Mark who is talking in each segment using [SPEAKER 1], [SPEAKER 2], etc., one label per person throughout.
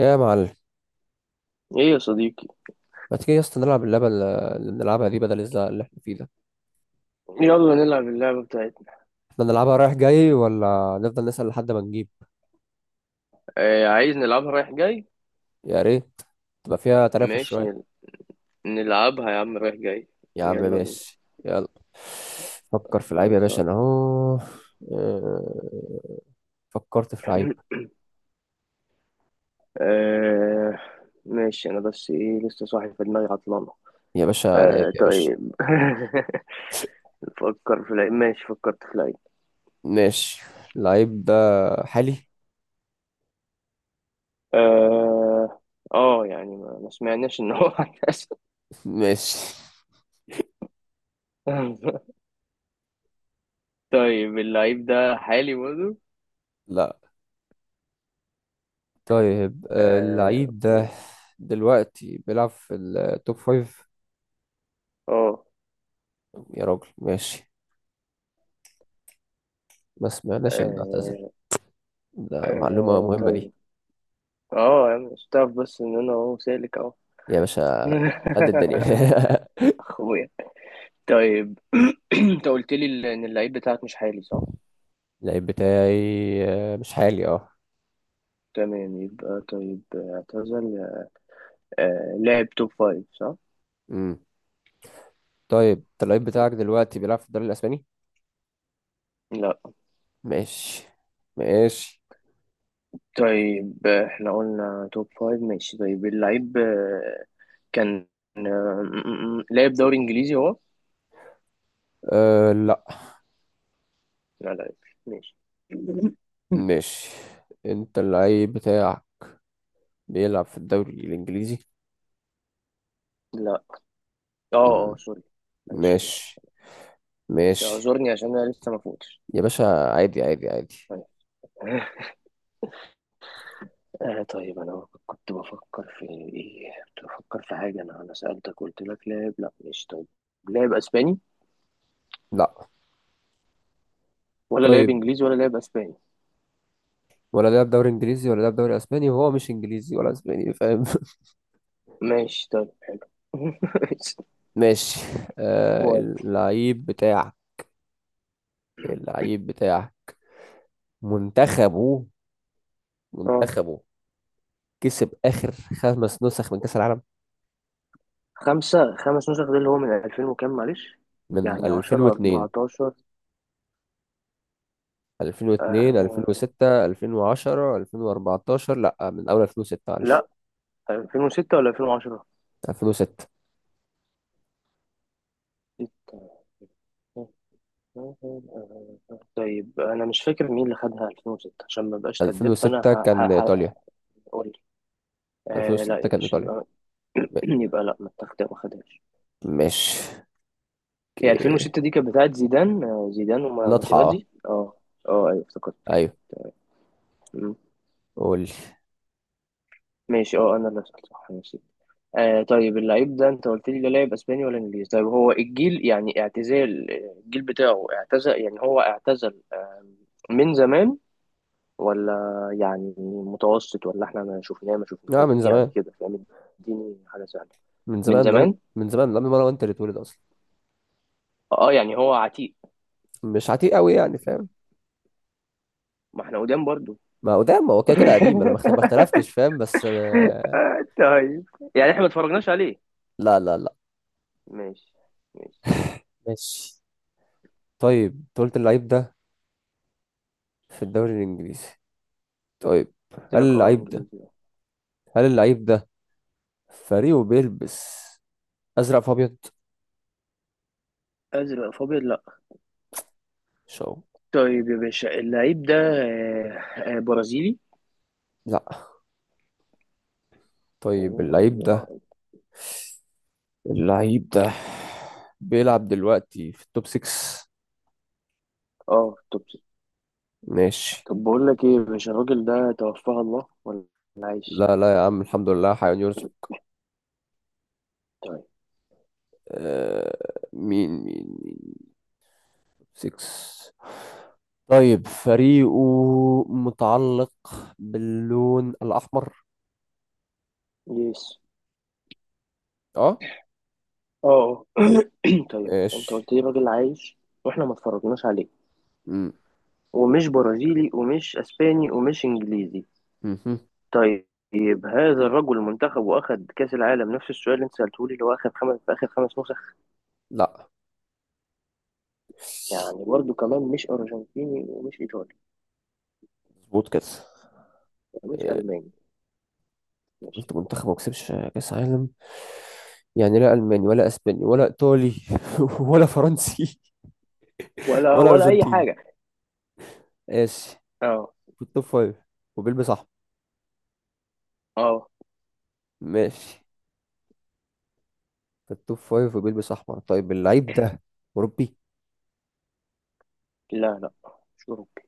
[SPEAKER 1] يا معلم،
[SPEAKER 2] ايه يا صديقي.
[SPEAKER 1] ما تيجي يا اسطى نلعب اللعبة اللي بنلعبها دي بدل الزهق اللي احنا فيه ده؟
[SPEAKER 2] يلا نلعب اللعبة بتاعتنا.
[SPEAKER 1] احنا نلعبها رايح جاي ولا نفضل نسأل لحد ما نجيب؟
[SPEAKER 2] آه، عايز نلعبها رايح جاي.
[SPEAKER 1] يا ريت، تبقى فيها تنافس
[SPEAKER 2] ماشي،
[SPEAKER 1] شوية.
[SPEAKER 2] نلعبها يا عم رايح جاي.
[SPEAKER 1] يا عم
[SPEAKER 2] يلا بينا.
[SPEAKER 1] ماشي، يلا. فكر في لعيب يا باشا،
[SPEAKER 2] خلصان.
[SPEAKER 1] انا اهو. اه، فكرت في لعيب.
[SPEAKER 2] آه، ماشي. انا بس ايه لسه صاحي، في دماغي عطلانة.
[SPEAKER 1] يا باشا لعيب
[SPEAKER 2] آه
[SPEAKER 1] يا باشا.
[SPEAKER 2] طيب. فكر في العيد، ماشي فكرت في العيد.
[SPEAKER 1] ماشي. اللعيب ده حالي؟
[SPEAKER 2] اه، اه يعني ما سمعناش ان هو هيحصل.
[SPEAKER 1] ماشي.
[SPEAKER 2] طيب اللعيب ده حالي برضه.
[SPEAKER 1] لا. طيب
[SPEAKER 2] آه
[SPEAKER 1] اللعيب ده
[SPEAKER 2] اوكي.
[SPEAKER 1] دلوقتي بيلعب في التوب فايف؟
[SPEAKER 2] اه،
[SPEAKER 1] يا راجل ماشي. ما سمعناش اللي اعتزل.
[SPEAKER 2] آه،
[SPEAKER 1] ده معلومة مهمة دي.
[SPEAKER 2] طيب. اه يا عم مش هتعرف بس ان انا اهو سالك اهو.
[SPEAKER 1] يا باشا قد الدنيا.
[SPEAKER 2] اخويا. طيب. انت قلت لي ان اللعيب بتاعك مش حالي صح؟
[SPEAKER 1] اللعيب بتاعي مش حالي اه.
[SPEAKER 2] تمام يبقى طيب اعتزل. لاعب توب فايف صح؟
[SPEAKER 1] امم. طيب، انت اللعيب بتاعك دلوقتي بيلعب في الدوري الاسباني؟
[SPEAKER 2] لا.
[SPEAKER 1] ماشي. ماشي.
[SPEAKER 2] طيب احنا قلنا توب فايف. ماشي طيب اللعيب كان، آه، لاعب دوري انجليزي هو؟
[SPEAKER 1] أه، لا.
[SPEAKER 2] لا لا. ماشي.
[SPEAKER 1] ماشي. انت اللعيب بتاعك بيلعب في الدوري الانجليزي؟
[SPEAKER 2] لا. اه اه،
[SPEAKER 1] مم.
[SPEAKER 2] سوري. معلش معلش.
[SPEAKER 1] ماشي.
[SPEAKER 2] بس
[SPEAKER 1] ماشي.
[SPEAKER 2] اعذرني عشان انا لسه ما فوتش.
[SPEAKER 1] يا باشا، عادي عادي عادي.
[SPEAKER 2] طيب. آه طيب، أنا كنت بفكر في إيه؟ كنت بفكر في حاجة، أنا سألتك قلت لك لاعب. لأ، ماشي طيب، لاعب أسباني
[SPEAKER 1] لا.
[SPEAKER 2] ولا لاعب
[SPEAKER 1] طيب،
[SPEAKER 2] إنجليزي ولا لاعب أسباني.
[SPEAKER 1] ولا لعب دوري انجليزي ولا لعب دوري اسباني وهو مش انجليزي ولا اسباني، فاهم؟
[SPEAKER 2] ماشي طيب حلو.
[SPEAKER 1] ماشي. أه،
[SPEAKER 2] ودي.
[SPEAKER 1] اللعيب بتاع منتخبه
[SPEAKER 2] أه،
[SPEAKER 1] منتخبه كسب آخر 5 نسخ من كأس العالم.
[SPEAKER 2] خمس نسخ، ده اللي هو من 2000 وكام، معلش.
[SPEAKER 1] من
[SPEAKER 2] يعني 10
[SPEAKER 1] 2002.
[SPEAKER 2] 14.
[SPEAKER 1] 2002
[SPEAKER 2] آه
[SPEAKER 1] 2006 2010 2014، لا، من أول 2006 معلش.
[SPEAKER 2] لأ، 2006 ولا 2010؟
[SPEAKER 1] 2006.
[SPEAKER 2] ستة. طيب أنا مش فاكر مين اللي خدها 2006، عشان ما بقاش كداب فأنا
[SPEAKER 1] 2006 كان
[SPEAKER 2] هقول.
[SPEAKER 1] إيطاليا.
[SPEAKER 2] لا
[SPEAKER 1] 2006
[SPEAKER 2] يا
[SPEAKER 1] كان
[SPEAKER 2] باشا،
[SPEAKER 1] إيطاليا.
[SPEAKER 2] يبقى.
[SPEAKER 1] م-
[SPEAKER 2] يبقى لا، ما خدهاش.
[SPEAKER 1] مش.
[SPEAKER 2] هي
[SPEAKER 1] اوكي.
[SPEAKER 2] 2006 دي كانت بتاعت زيدان
[SPEAKER 1] نضحى اه.
[SPEAKER 2] وماتيراتزي، اه. اه ايوه، افتكرت كده.
[SPEAKER 1] ايوه.
[SPEAKER 2] مم.
[SPEAKER 1] قول لي.
[SPEAKER 2] ماشي، انا اللي سألت صح، ماشي. طيب اللعيب ده، انت قلت لي لا لاعب اسباني ولا انجليزي. طيب، هو الجيل يعني اعتزال، الجيل بتاعه اعتزل، يعني هو اعتزل من زمان، ولا يعني متوسط، ولا احنا ما
[SPEAKER 1] لا،
[SPEAKER 2] شفناهوش
[SPEAKER 1] من
[SPEAKER 2] يعني،
[SPEAKER 1] زمان.
[SPEAKER 2] كده فاهم. اديني حاجه سهله. من زمان.
[SPEAKER 1] من زمان لما انا وانت اللي اتولد اصلا.
[SPEAKER 2] اه، يعني هو عتيق.
[SPEAKER 1] مش عتيق قوي يعني، فاهم؟
[SPEAKER 2] ما احنا قدام برضو.
[SPEAKER 1] ما قدام هو كده كده قديم، انا ما اختلفتش فاهم بس.
[SPEAKER 2] طيب يعني احنا ما اتفرجناش عليه.
[SPEAKER 1] لا لا لا.
[SPEAKER 2] ماشي ماشي.
[SPEAKER 1] ماشي. طيب، انت قلت اللعيب ده في الدوري الانجليزي. طيب،
[SPEAKER 2] قلت
[SPEAKER 1] هل
[SPEAKER 2] لك
[SPEAKER 1] اللعيب ده
[SPEAKER 2] انجليزي بقى.
[SPEAKER 1] هل اللعيب ده فريقه بيلبس ازرق في ابيض؟
[SPEAKER 2] ازرق فابيض، لا.
[SPEAKER 1] شو.
[SPEAKER 2] طيب يا باشا اللعيب ده برازيلي.
[SPEAKER 1] لا.
[SPEAKER 2] اوه
[SPEAKER 1] طيب،
[SPEAKER 2] ماي
[SPEAKER 1] اللعيب ده
[SPEAKER 2] جاد.
[SPEAKER 1] اللعيب ده بيلعب دلوقتي في التوب 6؟
[SPEAKER 2] اه طب.
[SPEAKER 1] ماشي.
[SPEAKER 2] طب بقول لك ايه يا باشا، الراجل ده توفاه الله ولا عايش؟
[SPEAKER 1] لا لا يا عم، الحمد لله حيوان يرزق.
[SPEAKER 2] طيب.
[SPEAKER 1] آه. مين مين مين؟ 6. طيب، فريقه متعلق باللون الأحمر؟
[SPEAKER 2] يس.
[SPEAKER 1] اه.
[SPEAKER 2] اه آه. طيب انت
[SPEAKER 1] ماشي.
[SPEAKER 2] قلت لي راجل عايش، واحنا ما اتفرجناش عليه،
[SPEAKER 1] مم.
[SPEAKER 2] ومش برازيلي ومش اسباني ومش انجليزي.
[SPEAKER 1] مهم.
[SPEAKER 2] طيب هذا الرجل منتخب واخد كاس العالم، نفس السؤال اللي انت سالته لي، اللي هو اخد خمس في اخر خمس نسخ.
[SPEAKER 1] لا،
[SPEAKER 2] يعني برضه كمان مش ارجنتيني ومش ايطالي
[SPEAKER 1] مظبوط كده
[SPEAKER 2] ومش
[SPEAKER 1] آه،
[SPEAKER 2] الماني. مش
[SPEAKER 1] قلت منتخب ما كسبش كأس عالم، يعني لا ألماني ولا أسباني ولا إيطالي ولا فرنسي
[SPEAKER 2] ولا
[SPEAKER 1] ولا
[SPEAKER 2] ولا اي
[SPEAKER 1] أرجنتيني.
[SPEAKER 2] حاجه.
[SPEAKER 1] ماشي.
[SPEAKER 2] اه
[SPEAKER 1] في التوب فايف وبيلبس أحمر.
[SPEAKER 2] اه.
[SPEAKER 1] ماشي. في التوب فايف وبيلبس أحمر، طيب اللعيب ده أوروبي؟
[SPEAKER 2] لا لا، مش اوروبي.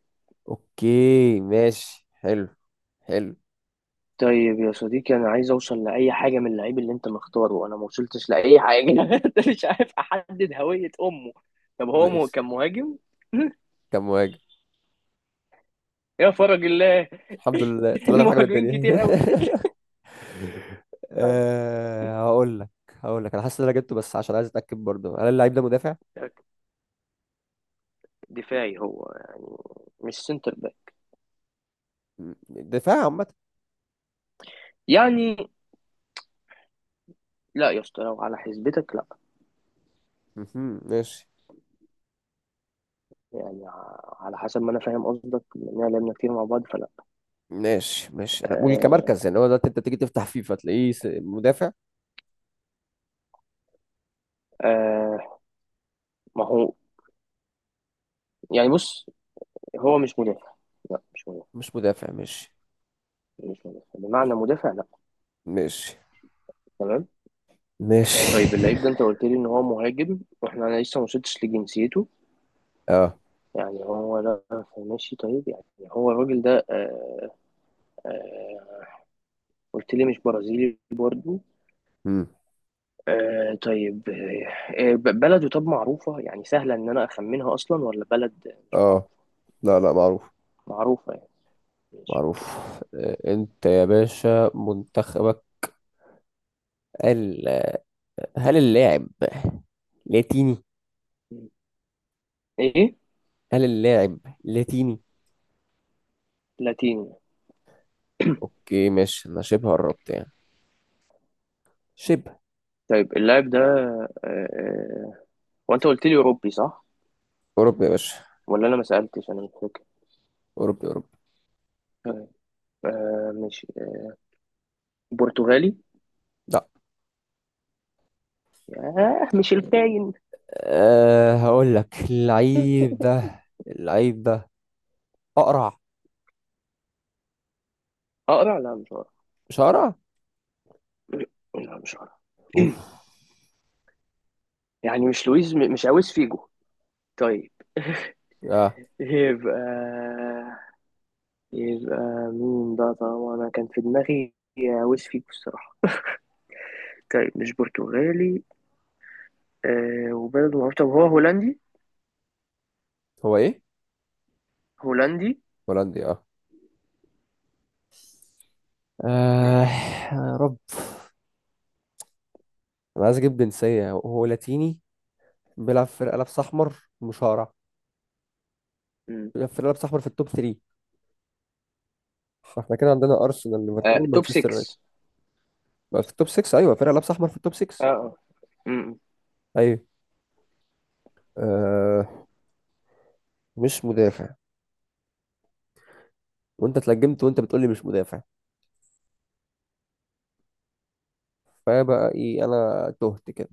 [SPEAKER 1] أوكي ماشي. حلو. حلو.
[SPEAKER 2] طيب يا صديقي انا عايز اوصل لاي حاجه من اللعيب اللي انت مختاره، وانا ما وصلتش لاي حاجه. انت مش عارف احدد هويه امه. طب هو
[SPEAKER 1] ماشي.
[SPEAKER 2] كان مهاجم.
[SPEAKER 1] كم مهاجم!
[SPEAKER 2] يا فرج الله.
[SPEAKER 1] الحمد لله طلعنا في حاجة من
[SPEAKER 2] المهاجمين
[SPEAKER 1] الدنيا.
[SPEAKER 2] كتير قوي. طيب،
[SPEAKER 1] أه، هقول لك انا حاسس ان انا جبته، بس عشان عايز اتاكد برضه، هل اللعيب ده مدافع؟
[SPEAKER 2] دفاعي هو يعني؟ مش سنتر
[SPEAKER 1] مم، دفاع عامه.
[SPEAKER 2] يعني. لا يا اسطى، لو على حسبتك لا.
[SPEAKER 1] مهم، ماشي.
[SPEAKER 2] يعني على حسب ما انا فاهم قصدك، لان لعبنا كتير مع بعض، فلا.
[SPEAKER 1] ماشي. ماشي. انا بقول
[SPEAKER 2] آه
[SPEAKER 1] كمركز يعني هو ده انت تيجي تفتح فيه فتلاقيه س- مدافع
[SPEAKER 2] آه ما هو، يعني بص، هو مش مدافع. لا مش مدافع.
[SPEAKER 1] مش مدافع ماشي
[SPEAKER 2] مش مدافع بمعنى مدافع، لا.
[SPEAKER 1] ماشي
[SPEAKER 2] تمام.
[SPEAKER 1] ماشي
[SPEAKER 2] طيب اللعيب ده، انت قلت لي ان هو مهاجم، واحنا انا لسه ما وصلتش لجنسيته.
[SPEAKER 1] اه.
[SPEAKER 2] يعني هو، لا. ماشي طيب يعني، هو الراجل ده قلت لي مش برازيلي برضه.
[SPEAKER 1] مم.
[SPEAKER 2] آه طيب، بلده طب معروفة يعني سهلة ان انا اخمنها اصلا، ولا بلد مش
[SPEAKER 1] اه.
[SPEAKER 2] معروفة؟
[SPEAKER 1] لا، لا معروف.
[SPEAKER 2] معروفة يعني. ماشي اوكي.
[SPEAKER 1] معروف. انت يا باشا منتخبك ال، هل اللاعب لاتيني
[SPEAKER 2] مم. ايه.
[SPEAKER 1] هل اللاعب لاتيني؟
[SPEAKER 2] لاتيني.
[SPEAKER 1] اوكي ماشي. انا شبه قربت يعني. شبه.
[SPEAKER 2] طيب اللاعب ده، هو انت قلت لي اوروبي صح؟
[SPEAKER 1] اوروبي يا باشا.
[SPEAKER 2] ولا انا ما سألتش، انا مش فاكر.
[SPEAKER 1] اوروبي. اوروبي.
[SPEAKER 2] طيب، مش برتغالي.
[SPEAKER 1] لا.
[SPEAKER 2] ياه، مش الكاين.
[SPEAKER 1] أه، هقول لك، اللعيب ده اقرع؟
[SPEAKER 2] اقرع؟ لا مش هقرع.
[SPEAKER 1] مش اقرع؟
[SPEAKER 2] لا مش هقرع.
[SPEAKER 1] اوف.
[SPEAKER 2] يعني مش لويز، مش عاوز فيجو. طيب
[SPEAKER 1] اه.
[SPEAKER 2] يبقى، يبقى مين ده؟ طبعا انا كان في دماغي عاوز فيجو الصراحة. طيب مش برتغالي. وبلده معروف، طب هو هولندي؟
[SPEAKER 1] هو ايه،
[SPEAKER 2] هولندي.
[SPEAKER 1] هولندي؟ اه. آه.
[SPEAKER 2] ماشي.
[SPEAKER 1] يا رب. انا عايز اجيب جنسية. هو لاتيني، بيلعب في لابس احمر، مش هقرع، بيلعب في لابس احمر في التوب 3. فاحنا كده عندنا ارسنال، ليفربول،
[SPEAKER 2] توب
[SPEAKER 1] مانشستر يونايتد.
[SPEAKER 2] 6.
[SPEAKER 1] بقى في التوب 6، ايوه، فرقة لابس احمر في التوب 6.
[SPEAKER 2] اه آه. م- م.
[SPEAKER 1] ايوه. آه. مش مدافع. وانت اتلجمت وانت بتقول لي مش مدافع، فبقى ايه، انا تهت كده.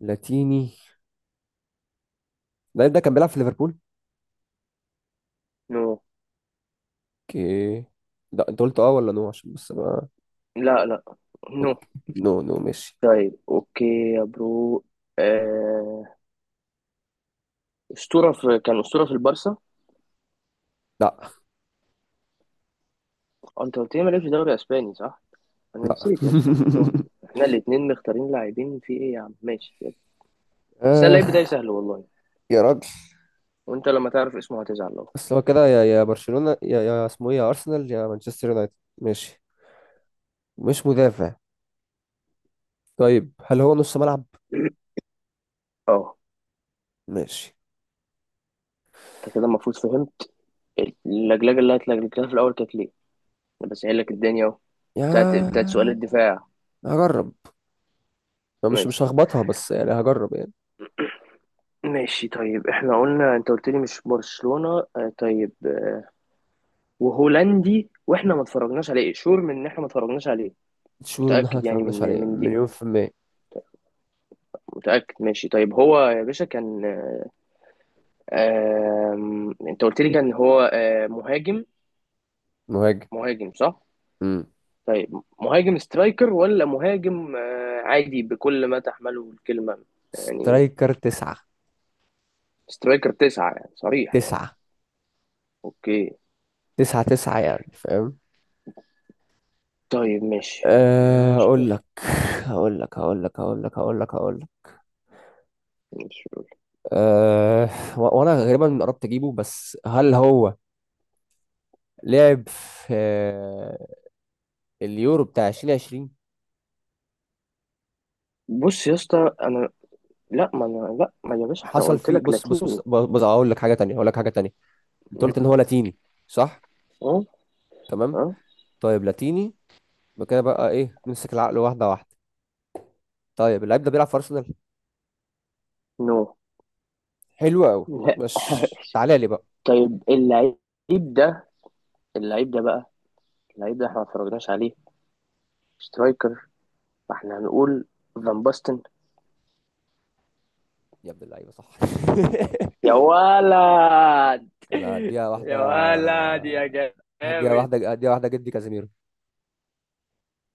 [SPEAKER 1] لاتيني. اللعيب ده كان بيلعب في ليفربول؟
[SPEAKER 2] نو.
[SPEAKER 1] اوكي. لا، انت قلت اه ولا نو؟ عشان بس ما.
[SPEAKER 2] لا لا نو.
[SPEAKER 1] اوكي. نو نو. ماشي.
[SPEAKER 2] طيب اوكي. يا برو. آه، اسطوره في كان اسطوره في البارسا.
[SPEAKER 1] لا.
[SPEAKER 2] انت قلت لي مالكش دوري اسباني صح؟ انا
[SPEAKER 1] لا.
[SPEAKER 2] نسيت يا اسطى، احنا تهنا. احنا الاثنين مختارين لاعبين في ايه يا عم، ماشي يلا. بس اللعيب بتاعي
[SPEAKER 1] آه
[SPEAKER 2] سهل والله.
[SPEAKER 1] يا راجل.
[SPEAKER 2] وانت لما تعرف اسمه هتزعل اهو.
[SPEAKER 1] بس هو كده، يا برشلونة، يا اسمه ايه، يا ارسنال يا مانشستر يونايتد. ماشي. مش مدافع. طيب هل هو نص ملعب؟
[SPEAKER 2] اه.
[SPEAKER 1] ماشي.
[SPEAKER 2] انت كده المفروض فهمت. اللجلجه اللي هتلجلجها في الاول كانت ليه؟ انا بسهل لك الدنيا اهو.
[SPEAKER 1] يا.
[SPEAKER 2] بتاعت سؤال الدفاع.
[SPEAKER 1] هجرب. ما مش
[SPEAKER 2] ماشي
[SPEAKER 1] هخبطها بس يعني، هجرب يعني.
[SPEAKER 2] ماشي. طيب احنا قلنا، انت قلت لي مش برشلونة. طيب، وهولندي، واحنا ما اتفرجناش عليه، شور من ان احنا ما اتفرجناش عليه.
[SPEAKER 1] شور ان احنا
[SPEAKER 2] متأكد يعني، من
[SPEAKER 1] متفرجناش عليه
[SPEAKER 2] دي.
[SPEAKER 1] مليون في المية.
[SPEAKER 2] متأكد، ماشي. طيب هو يا باشا كان آه آم، انت قلت لي كان هو مهاجم.
[SPEAKER 1] مهاجم.
[SPEAKER 2] مهاجم صح.
[SPEAKER 1] امم.
[SPEAKER 2] طيب مهاجم سترايكر ولا مهاجم عادي بكل ما تحمله الكلمة. يعني
[SPEAKER 1] سترايكر تسعة.
[SPEAKER 2] سترايكر تسعة، يعني صريح يعني.
[SPEAKER 1] تسعة
[SPEAKER 2] اوكي.
[SPEAKER 1] تسعة تسعة يعني، فاهم.
[SPEAKER 2] طيب ماشي، أنا مش
[SPEAKER 1] اقول
[SPEAKER 2] فاكر.
[SPEAKER 1] لك
[SPEAKER 2] ماشي،
[SPEAKER 1] اقول لك اقول لك اقول لك اقول لك اقول لك.
[SPEAKER 2] مش
[SPEAKER 1] أه، وانا غالبا قربت اجيبه، بس هل هو لعب في اليورو بتاع 2020؟
[SPEAKER 2] بص يا اسطى، انا لا ما أنا لا ما يا باشا، احنا
[SPEAKER 1] حصل
[SPEAKER 2] قلت
[SPEAKER 1] فيه.
[SPEAKER 2] لك
[SPEAKER 1] بص بص بص
[SPEAKER 2] لاتيني.
[SPEAKER 1] بص، بص، اقول لك حاجه تانية، اقول لك حاجه تانية. انت
[SPEAKER 2] مم.
[SPEAKER 1] قلت ان هو لاتيني، صح؟
[SPEAKER 2] اه
[SPEAKER 1] تمام.
[SPEAKER 2] اه
[SPEAKER 1] طيب لاتيني، يبقى كده بقى ايه، نمسك العقل واحده واحده. طيب، اللعيب ده بيلعب في ارسنال؟
[SPEAKER 2] نو.
[SPEAKER 1] حلو قوي.
[SPEAKER 2] لا.
[SPEAKER 1] مش تعالى لي بقى.
[SPEAKER 2] طيب اللعيب ده، اللعيب ده بقى اللعيب ده احنا ما اتفرجناش عليه، سترايكر، فاحنا هنقول فان باستن.
[SPEAKER 1] يا ابن اللعيبه، صح!
[SPEAKER 2] يا ولد،
[SPEAKER 1] انا هديها واحده،
[SPEAKER 2] يا ولد يا
[SPEAKER 1] هديها
[SPEAKER 2] جامد.
[SPEAKER 1] واحده، هديها واحده جدي، كازيميرو.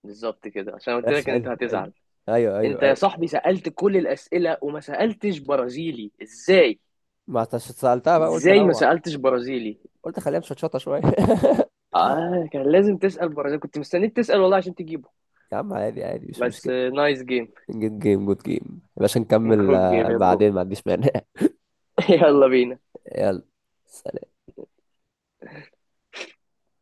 [SPEAKER 2] بالظبط كده، عشان قلت
[SPEAKER 1] بس
[SPEAKER 2] لك ان
[SPEAKER 1] حلو
[SPEAKER 2] انت
[SPEAKER 1] حلو.
[SPEAKER 2] هتزعل.
[SPEAKER 1] ايوه ايوه
[SPEAKER 2] انت يا
[SPEAKER 1] ايوه.
[SPEAKER 2] صاحبي سألت كل الأسئلة وما سألتش برازيلي، ازاي؟
[SPEAKER 1] ما أنت سالتها بقى، قلت
[SPEAKER 2] ازاي ما
[SPEAKER 1] انوع،
[SPEAKER 2] سألتش برازيلي.
[SPEAKER 1] قلت خليها مشطشطه شويه.
[SPEAKER 2] اه كان لازم تسأل برازيلي، كنت مستنيك تسأل والله عشان تجيبه.
[SPEAKER 1] يا عم عادي عادي، مش
[SPEAKER 2] بس
[SPEAKER 1] مشكله.
[SPEAKER 2] نايس جيم.
[SPEAKER 1] جود جيم، جود جيم يا باشا. نكمل
[SPEAKER 2] جود جيم يا برو.
[SPEAKER 1] بعدين، ما عنديش مانع.
[SPEAKER 2] يلا بينا.
[SPEAKER 1] يلا. سلام.